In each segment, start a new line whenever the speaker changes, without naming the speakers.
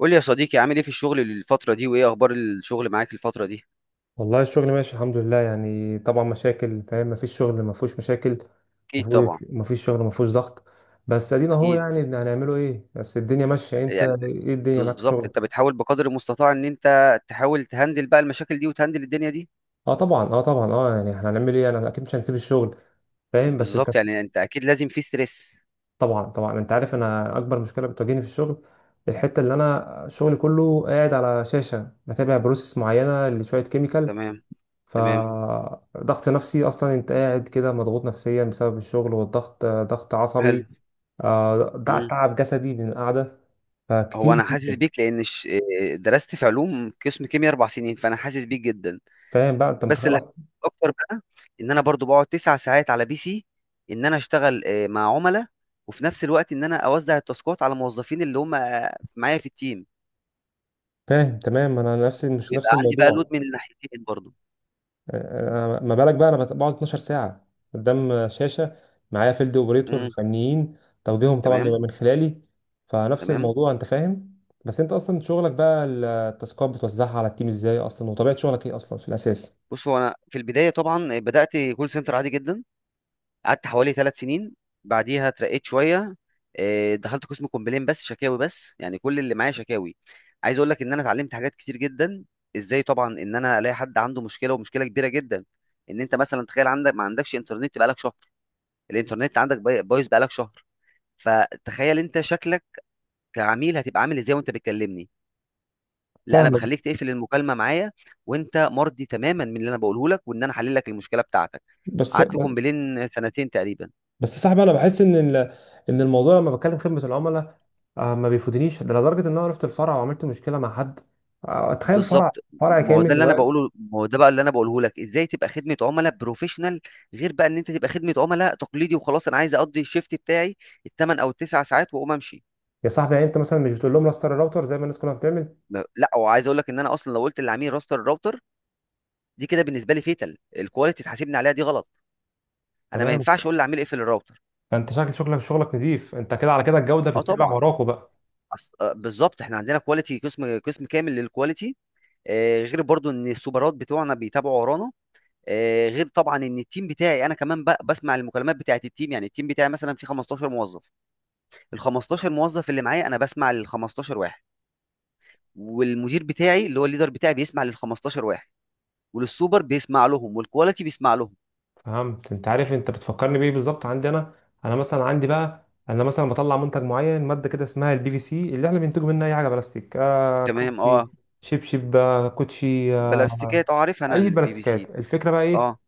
قول لي يا صديقي، عامل ايه في الشغل الفترة دي، وايه اخبار الشغل معاك الفترة دي؟
والله الشغل ماشي الحمد لله، يعني طبعا مشاكل، فاهم؟ مفيش شغل مفهوش مشاكل،
اكيد
مفهوش
طبعا.
مفيش شغل مفهوش ضغط. بس ادينا اهو،
اكيد.
يعني هنعمله ايه؟ بس الدنيا ماشيه. انت
يعني
ايه الدنيا معاك في
بالظبط، انت
شغلك؟
بتحاول بقدر المستطاع ان انت تحاول تهندل بقى المشاكل دي وتهندل الدنيا دي.
اه طبعا، اه طبعا، اه يعني احنا هنعمل ايه؟ انا اكيد مش هنسيب الشغل. فاهم؟ بس انت...
بالظبط، يعني انت اكيد لازم في ستريس.
طبعا انت عارف، انا اكبر مشكله بتواجهني في الشغل الحته اللي انا شغلي كله قاعد على شاشه بتابع بروسيس معينه لشويه كيميكال.
تمام. تمام.
فضغط نفسي اصلا، انت قاعد كده مضغوط نفسيا بسبب الشغل والضغط، ضغط
حلو.
عصبي. آه ده
مم.
تعب جسدي من القعدة،
هو
فكتير.
انا حاسس بيك لان درست في علوم قسم كيمياء 4 سنين، فانا حاسس بيك جدا.
فاهم بقى؟ انت
بس
متخيل
اللي
أصلاً؟
حبيته اكتر بقى ان انا برضو بقعد 9 ساعات على بي سي، ان انا اشتغل مع عملاء، وفي نفس الوقت ان انا اوزع التاسكات على موظفين اللي هم معايا في التيم.
فاهم تمام. انا نفس مش نفس
بيبقى عندي بقى لود
الموضوع.
من الناحيتين برضو.
ما بالك بقى انا بقعد 12 ساعة قدام شاشة، معايا فيلد اوبريتور
امم.
فنيين، توجيههم طبعا بيبقى
تمام.
من خلالي. فنفس
تمام.
الموضوع، انت فاهم. بس انت اصلا شغلك بقى، التاسكات بتوزعها على التيم ازاي اصلا؟ وطبيعة شغلك ايه اصلا في الاساس؟
بص، هو انا في البدايه طبعا بدات كول سنتر عادي جدا، قعدت حوالي 3 سنين. بعديها اترقيت شويه، دخلت قسم كومبلين، بس شكاوي، بس يعني كل اللي معايا شكاوي. عايز اقول لك ان انا اتعلمت حاجات كتير جدا، ازاي طبعا ان انا الاقي حد عنده مشكله ومشكله كبيره جدا. ان انت مثلا تخيل عندك ما عندكش انترنت بقالك شهر، الانترنت عندك بايظ بقالك شهر، فتخيل انت شكلك كعميل هتبقى عامل ازاي وانت بتكلمني. لا، انا
فاهمك.
بخليك تقفل المكالمه معايا وانت مرضي تماما من اللي انا بقوله لك، وان انا حلل لك المشكله بتاعتك.
بس،
قعدت كومبلين سنتين تقريبا.
يا صاحبي، انا بحس ان ان الموضوع لما بتكلم خدمه العملاء، ما بيفوتنيش ده، لدرجه ان انا رحت الفرع وعملت مشكله مع حد. تخيل فرع،
بالظبط.
فرع
ما هو ده
كامل
اللي انا
واقف.
بقوله، ما هو ده بقى اللي انا بقوله لك، ازاي تبقى خدمه عملاء بروفيشنال، غير بقى ان انت تبقى خدمه عملاء تقليدي وخلاص، انا عايز اقضي الشيفت بتاعي الثمان او التسع ساعات واقوم امشي.
يا صاحبي، يعني انت مثلا مش بتقول لهم راستر الراوتر زي ما الناس كلها بتعمل؟
لا، وعايز اقول لك ان انا اصلا لو قلت للعميل راستر الراوتر، دي كده بالنسبه لي فيتال، الكواليتي تحاسبني عليها، دي غلط. انا ما
تمام.
ينفعش اقول للعميل اقفل الراوتر.
فانت شكل شغلك، شغلك نظيف، انت كده على كده الجوده
اه
بتتبع
طبعا.
وراكوا بقى.
أص... آه بالظبط، احنا عندنا كواليتي، قسم كامل للكواليتي. غير برضو ان السوبرات بتوعنا بيتابعوا ورانا. غير طبعا ان التيم بتاعي انا كمان بسمع المكالمات بتاعه التيم، يعني التيم بتاعي مثلا فيه 15 موظف. ال 15 موظف اللي معايا انا بسمع لل 15 واحد، والمدير بتاعي اللي هو الليدر بتاعي بيسمع لل 15 واحد، وللسوبر بيسمع لهم، والكواليتي بيسمع لهم.
فهمت. انت عارف انت بتفكرني بايه بالظبط عندي انا؟ انا مثلا عندي بقى، انا مثلا بطلع منتج معين، ماده كده اسمها البي في سي، اللي احنا بننتجه منها اي حاجه بلاستيك، آه
تمام.
كوتشي،
اه.
شبشب، كوتشي،
بلا بستيكات. اه، عارف، انا
اي
البي بي
بلاستيكات.
سي.
الفكره بقى ايه؟
اه.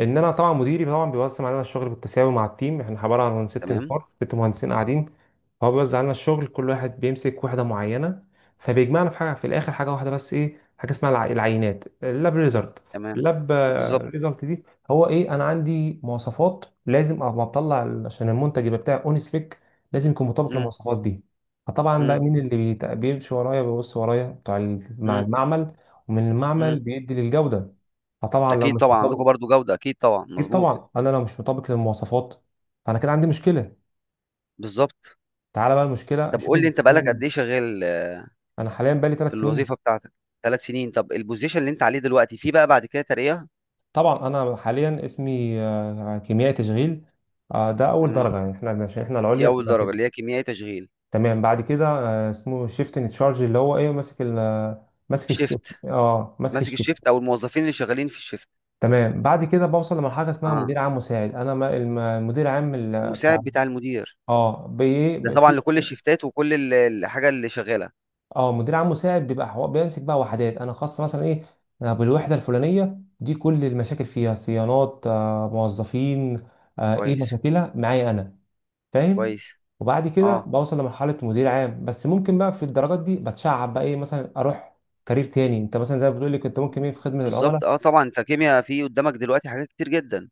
ان انا طبعا، مديري طبعا بيوزع علينا الشغل بالتساوي مع التيم، احنا عباره عن ست
تمام.
نفار 6 مهندسين قاعدين. هو بيوزع علينا الشغل، كل واحد بيمسك وحده معينه، فبيجمعنا في حاجه في الاخر، حاجه واحده بس، ايه؟ حاجه اسمها العينات، اللاب ريزلت.
تمام.
اللاب
بالظبط.
ريزلت دي، هو ايه؟ انا عندي مواصفات لازم، اما بطلع عشان المنتج يبقى بتاعي اون سبيك لازم يكون مطابق
امم.
للمواصفات دي. فطبعا بقى
امم.
مين اللي بيمشي ورايا، بيبص ورايا بتاع مع
امم.
المعمل، ومن
امم.
المعمل بيدي للجوده. فطبعا لو
اكيد
مش
طبعا، عندكم
مطابق،
برضو جوده، اكيد طبعا،
اكيد
مظبوط.
طبعا انا لو مش مطابق للمواصفات فانا كده عندي مشكله.
بالظبط.
تعالى بقى المشكله،
طب
شوف
قول لي، انت
المشكله
بقالك قد
مين.
ايه شغال
انا حاليا بقالي
في
3 سنين.
الوظيفه بتاعتك؟ 3 سنين؟ طب البوزيشن اللي انت عليه دلوقتي فيه بقى بعد كده ترقيه؟
طبعا انا حاليا اسمي كيميائي تشغيل، ده اول
مم.
درجه، يعني احنا عشان احنا
دي
العليا
اول
بتبقى كده.
درجه اللي هي كيميائي تشغيل.
تمام، بعد كده اسمه شيفت ان تشارج، اللي هو ايه، ماسك ال آه، ماسك الشيفت،
شيفت،
اه ماسك
ماسك الشيفت،
الشيفت.
او الموظفين اللي شغالين في الشيفت.
تمام، بعد كده بوصل لمرحله اسمها
اه،
مدير عام مساعد. انا المدير عام بتاع،
مساعد بتاع المدير،
اه بايه،
ده طبعا لكل الشيفتات وكل الحاجه اللي شغاله.
اه مدير عام مساعد، بيبقى بيمسك بقى وحدات انا خاصه، مثلا ايه، أنا بالوحده الفلانيه دي، كل المشاكل فيها صيانات، آه موظفين، آه ايه،
كويس.
مشاكلها معايا انا. فاهم.
كويس.
وبعد كده
اه،
بوصل لمرحله مدير عام. بس ممكن بقى في الدرجات دي بتشعب بقى، ايه مثلا، اروح كارير تاني، انت مثلا زي ما بتقول لي كنت ممكن ايه في خدمه العملاء.
بالظبط. اه طبعا، انت كيمياء، في قدامك دلوقتي حاجات كتير جدا.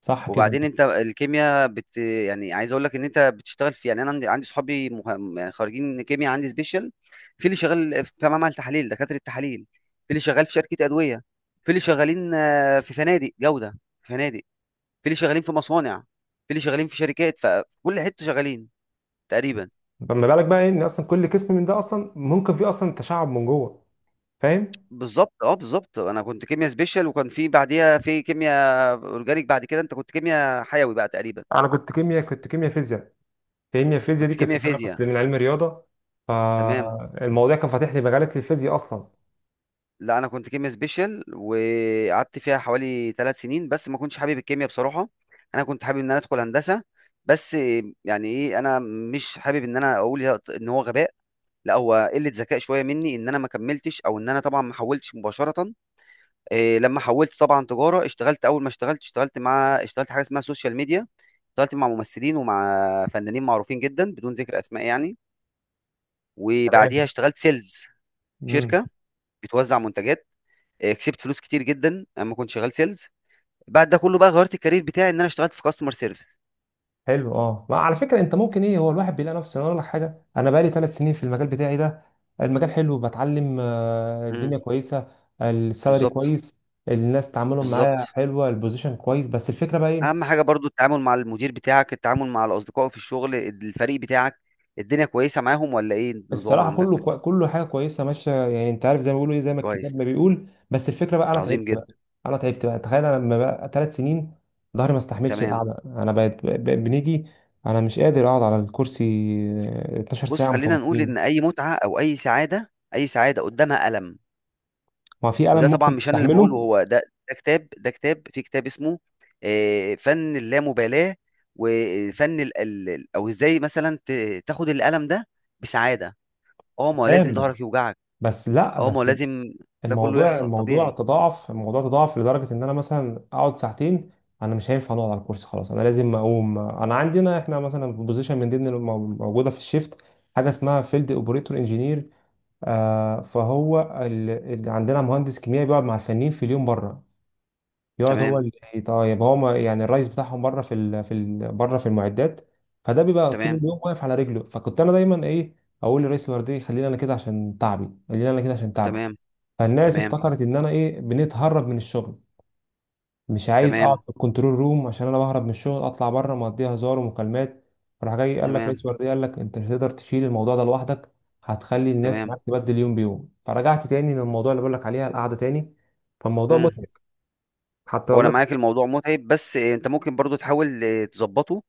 صح كده؟
وبعدين انت الكيمياء بت، يعني عايز اقول لك ان انت بتشتغل في، يعني انا عندي صحابي يعني خارجين كيمياء، عندي سبيشال، في اللي شغال في معمل تحاليل دكاتره التحاليل، في اللي شغال في شركه ادويه، في اللي شغالين في فنادق جوده، في فنادق، في اللي شغالين في مصانع، في اللي شغالين في شركات، فكل حته شغالين تقريبا.
فما بالك بقى ايه، ان اصلا كل قسم من ده اصلا ممكن فيه اصلا تشعب من جوه. فاهم.
بالظبط. اه، بالظبط، انا كنت كيمياء سبيشال، وكان في بعديها في كيمياء اورجانيك، بعد كده انت كنت كيمياء حيوي بقى تقريبا.
انا كنت كيمياء كنت كيمياء فيزياء، لان الفيزياء
كنت
دي كنت
كيمياء فيزياء.
كنت من علم رياضه.
تمام.
فالموضوع كان فاتح لي مجالات للفيزياء اصلا.
لا، انا كنت كيميا سبيشال وقعدت فيها حوالي 3 سنين، بس ما كنتش حابب الكيميا بصراحه. انا كنت حابب ان انا ادخل هندسه، بس، يعني ايه، انا مش حابب ان انا اقول ان هو غباء، لا هو قله ذكاء شويه مني ان انا ما كملتش او ان انا طبعا ما حولتش مباشره. إيه لما حولت طبعا تجاره، اشتغلت، اول ما اشتغلت اشتغلت مع اشتغلت حاجه اسمها سوشيال ميديا، اشتغلت مع ممثلين ومع فنانين معروفين جدا بدون ذكر اسماء يعني. وبعديها
تمام.
اشتغلت سيلز،
امم،
شركه بتوزع منتجات. كسبت فلوس كتير جدا اما كنت شغال سيلز. بعد ده كله بقى غيرت الكارير بتاعي ان انا اشتغلت في كاستمر سيرفيس.
حلو. اه، ما على فكره، انت ممكن ايه، هو الواحد بيلاقي نفسه. أنا اقول لك حاجه، انا بقالي 3 سنين في المجال بتاعي ده، المجال حلو، بتعلم،
امم.
الدنيا كويسه، السالري
بالظبط.
كويس، الناس تعاملهم معايا
بالظبط.
حلوه، البوزيشن كويس، بس الفكره بقى ايه؟
اهم حاجه برضو التعامل مع المدير بتاعك، التعامل مع الاصدقاء في الشغل، الفريق بتاعك، الدنيا كويسه معاهم ولا ايه النظام
الصراحه كله
عندك؟
كله حاجه كويسه ماشيه، يعني انت عارف زي ما بيقولوا ايه، زي ما
كويس.
الكتاب ما بيقول. بس الفكره بقى انا تعبت
عظيم
بقى.
جدا.
انا تعبت بقى. تخيل انا لما بقى 3 سنين، ظهري ما استحملش
تمام.
القعده، انا بنيجي. انا مش قادر اقعد على الكرسي، 12
بص،
ساعه
خلينا نقول ان
متواصلين.
اي متعه او اي سعاده، اي سعاده قدامها الم.
ما في الم
وده طبعا
ممكن
مش انا اللي باقوله،
تستحمله.
هو ده، ده كتاب، في كتاب اسمه فن اللامبالاة، وفن ال ال ال أو إزاي مثلًا تاخد الألم ده بسعادة. ما هو لازم
تمام،
ضهرك يوجعك.
بس لا
ما هو
بس،
لازم، ده كله يحصل
الموضوع
طبيعي.
تضاعف، الموضوع تضاعف لدرجة إن أنا مثلا أقعد ساعتين، أنا مش هينفع أقعد على الكرسي، خلاص أنا لازم أقوم. أنا عندنا إحنا مثلا في بوزيشن من ضمن موجودة في الشيفت، حاجة اسمها فيلد أوبريتور إنجينير. آه، فهو عندنا مهندس كيمياء بيقعد مع الفنيين في اليوم بره، يقعد هو
تمام.
اللي طيب هو، ما يعني الرئيس بتاعهم بره في بره في المعدات. فده بيبقى طول
تمام.
اليوم واقف على رجله، فكنت أنا دايما إيه، أقول لرئيس الوردية خليني أنا كده عشان تعبي، خليني أنا كده عشان تعبي.
تمام.
فالناس
تمام.
افتكرت ان انا ايه، بنتهرب من الشغل، مش عايز اقعد
تمام.
في الكنترول روم عشان انا بهرب من الشغل، اطلع بره مقضيها هزار ومكالمات، راح جاي، قال لك رئيس
تمام.
ورديه قال لك انت مش هتقدر تشيل الموضوع ده لوحدك، هتخلي الناس
تمام.
معاك تبدل يوم بيوم. فرجعت تاني للموضوع اللي بقول لك عليها، القعده تاني. فالموضوع
إمم.
متعب. حتى
هو انا
والله كنت...
معاك، الموضوع متعب، بس انت ممكن برضو تحاول تظبطه.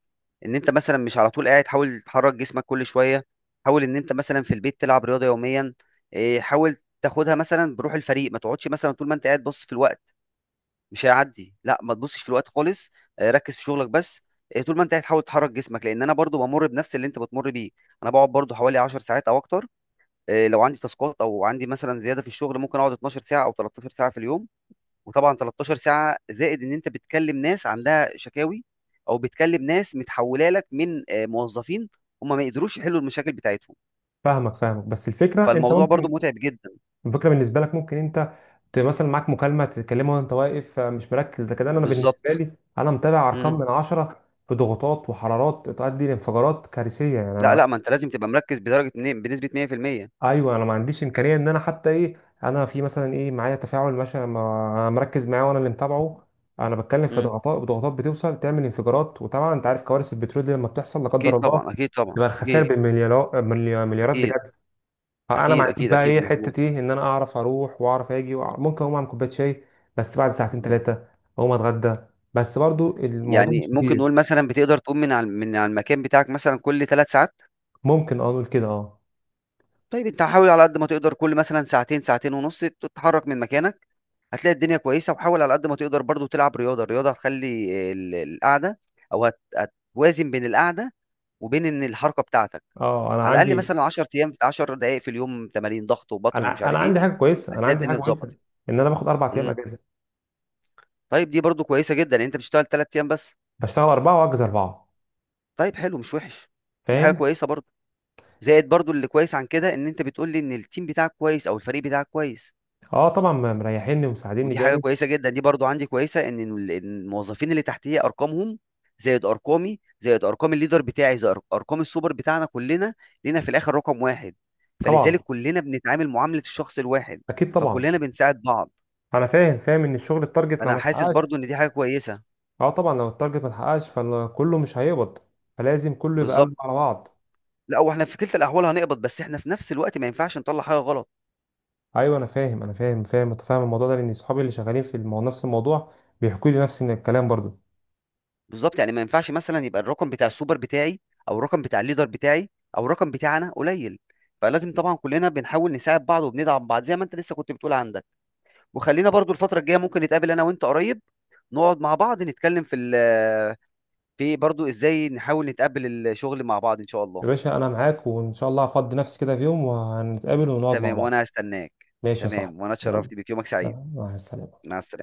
ان انت مثلا مش على طول قاعد، حاول تحرك جسمك كل شويه. حاول ان انت مثلا في البيت تلعب رياضه يوميا. حاول تاخدها مثلا بروح الفريق، ما تقعدش مثلا طول ما انت قاعد بص في الوقت، مش هيعدي، لا ما تبصش في الوقت خالص. ركز في شغلك بس. طول ما انت قاعد حاول تحرك جسمك، لان انا برضو بمر بنفس اللي انت بتمر بيه. انا بقعد برضو حوالي 10 ساعات او اكتر. لو عندي تاسكات او عندي مثلا زياده في الشغل ممكن اقعد 12 ساعه او 13 ساعه في اليوم. وطبعا 13 ساعه زائد ان انت بتكلم ناس عندها شكاوي، او بتكلم ناس متحوله لك من موظفين هم ما يقدروش يحلوا المشاكل بتاعتهم،
فاهمك، فاهمك، بس الفكره انت
فالموضوع برضو
ممكن،
متعب جدا.
الفكره بالنسبه لك ممكن انت مثلا معاك مكالمه تتكلمها وانت واقف، مش مركز. لكن أنا
بالظبط.
بالنسبه لي، انا متابع ارقام
مم.
من 10، في ضغوطات وحرارات تؤدي لانفجارات كارثيه، يعني
لا
انا،
لا، ما انت لازم تبقى مركز بدرجه بنسبه 100%.
ايوه انا ما عنديش امكانيه ان انا حتى ايه، انا في مثلا ايه، معايا تفاعل مثلا انا مركز معاه وانا اللي متابعه، انا بتكلم في
مم.
ضغطات، ضغوطات بتوصل تعمل انفجارات، وطبعا انت عارف كوارث البترول دي لما بتحصل لا
اكيد
قدر الله،
طبعا. اكيد طبعا.
يبقى الخسائر
اكيد.
بالمليارات، مليارات
اكيد.
بجد. اه، انا ما
اكيد.
عنديش
اكيد.
بقى
اكيد
ايه،
مظبوط.
حته ايه، ان انا اعرف اروح واعرف اجي وأعرف ممكن اقوم اعمل كوبايه شاي بس بعد ساعتين
مم.
3، اقوم اتغدى. بس برضو الموضوع
يعني
مش
ممكن
كتير،
نقول مثلا بتقدر تقوم من على المكان بتاعك مثلا كل 3 ساعات؟
ممكن اه نقول كده اه.
طيب، انت حاول على قد ما تقدر كل مثلا ساعتين، ساعتين ونص تتحرك من مكانك، هتلاقي الدنيا كويسه. وحاول على قد ما تقدر برضو تلعب رياضه، الرياضه هتخلي القعده، او هت- هتوازن بين القعده وبين ان الحركه بتاعتك.
اه انا
على الاقل
عندي،
مثلا 10 ايام، 10 دقائق في اليوم، تمارين ضغط وبطن ومش
انا
عارف ايه،
عندي حاجه كويسه، انا
هتلاقي
عندي حاجه
الدنيا اتظبطت.
كويسه، ان انا باخد 4 ايام
امم.
اجازه،
طيب دي برضو كويسه جدا، يعني انت بتشتغل 3 ايام بس.
بشتغل 4 واجز 4.
طيب حلو، مش وحش. دي حاجه
فاهم؟
كويسه برضو. زائد برضو اللي كويس عن كده ان انت بتقول لي ان التيم بتاعك كويس او الفريق بتاعك كويس.
اه طبعا مريحيني ومساعديني
ودي حاجه
جامد.
كويسه جدا، دي برضو عندي كويسه ان إن الموظفين اللي تحتيه ارقامهم زائد ارقامي زائد ارقام الليدر بتاعي زائد ارقام السوبر بتاعنا، كلنا لينا في الاخر رقم واحد. فلذلك
طبعا،
كلنا بنتعامل معامله الشخص الواحد،
اكيد طبعا.
فكلنا بنساعد بعض.
انا فاهم، فاهم ان الشغل التارجت لو
انا
ما
حاسس
اتحققش...
برضو ان دي حاجه كويسه.
اه طبعا لو التارجت ما اتحققش فكله مش هيقبض، فلازم كله يبقى
بالظبط.
قلب على بعض.
لا، واحنا في كلتا الاحوال هنقبض، بس احنا في نفس الوقت ما ينفعش نطلع حاجه غلط.
ايوه انا فاهم، متفاهم الموضوع ده، لان اصحابي اللي شغالين في نفس الموضوع بيحكوا لي نفس الكلام برضو.
بالظبط، يعني ما ينفعش مثلا يبقى الرقم بتاع السوبر بتاعي، او الرقم بتاع الليدر بتاعي، او الرقم بتاعنا قليل. فلازم طبعا كلنا بنحاول نساعد بعض وبندعم بعض زي ما انت لسه كنت بتقول عندك. وخلينا برضو الفتره الجايه ممكن نتقابل انا وانت قريب، نقعد مع بعض نتكلم في في برضو ازاي نحاول نتقابل الشغل مع بعض ان شاء الله.
يا باشا انا معاك، وان شاء الله هفضي نفسي كده في يوم وهنتقابل ونقعد مع
تمام،
بعض.
وانا هستناك.
ماشي يا صاحبي.
تمام، وانا
يلا،
اتشرفت بك. يومك سعيد.
مع السلامه.
مع السلامه.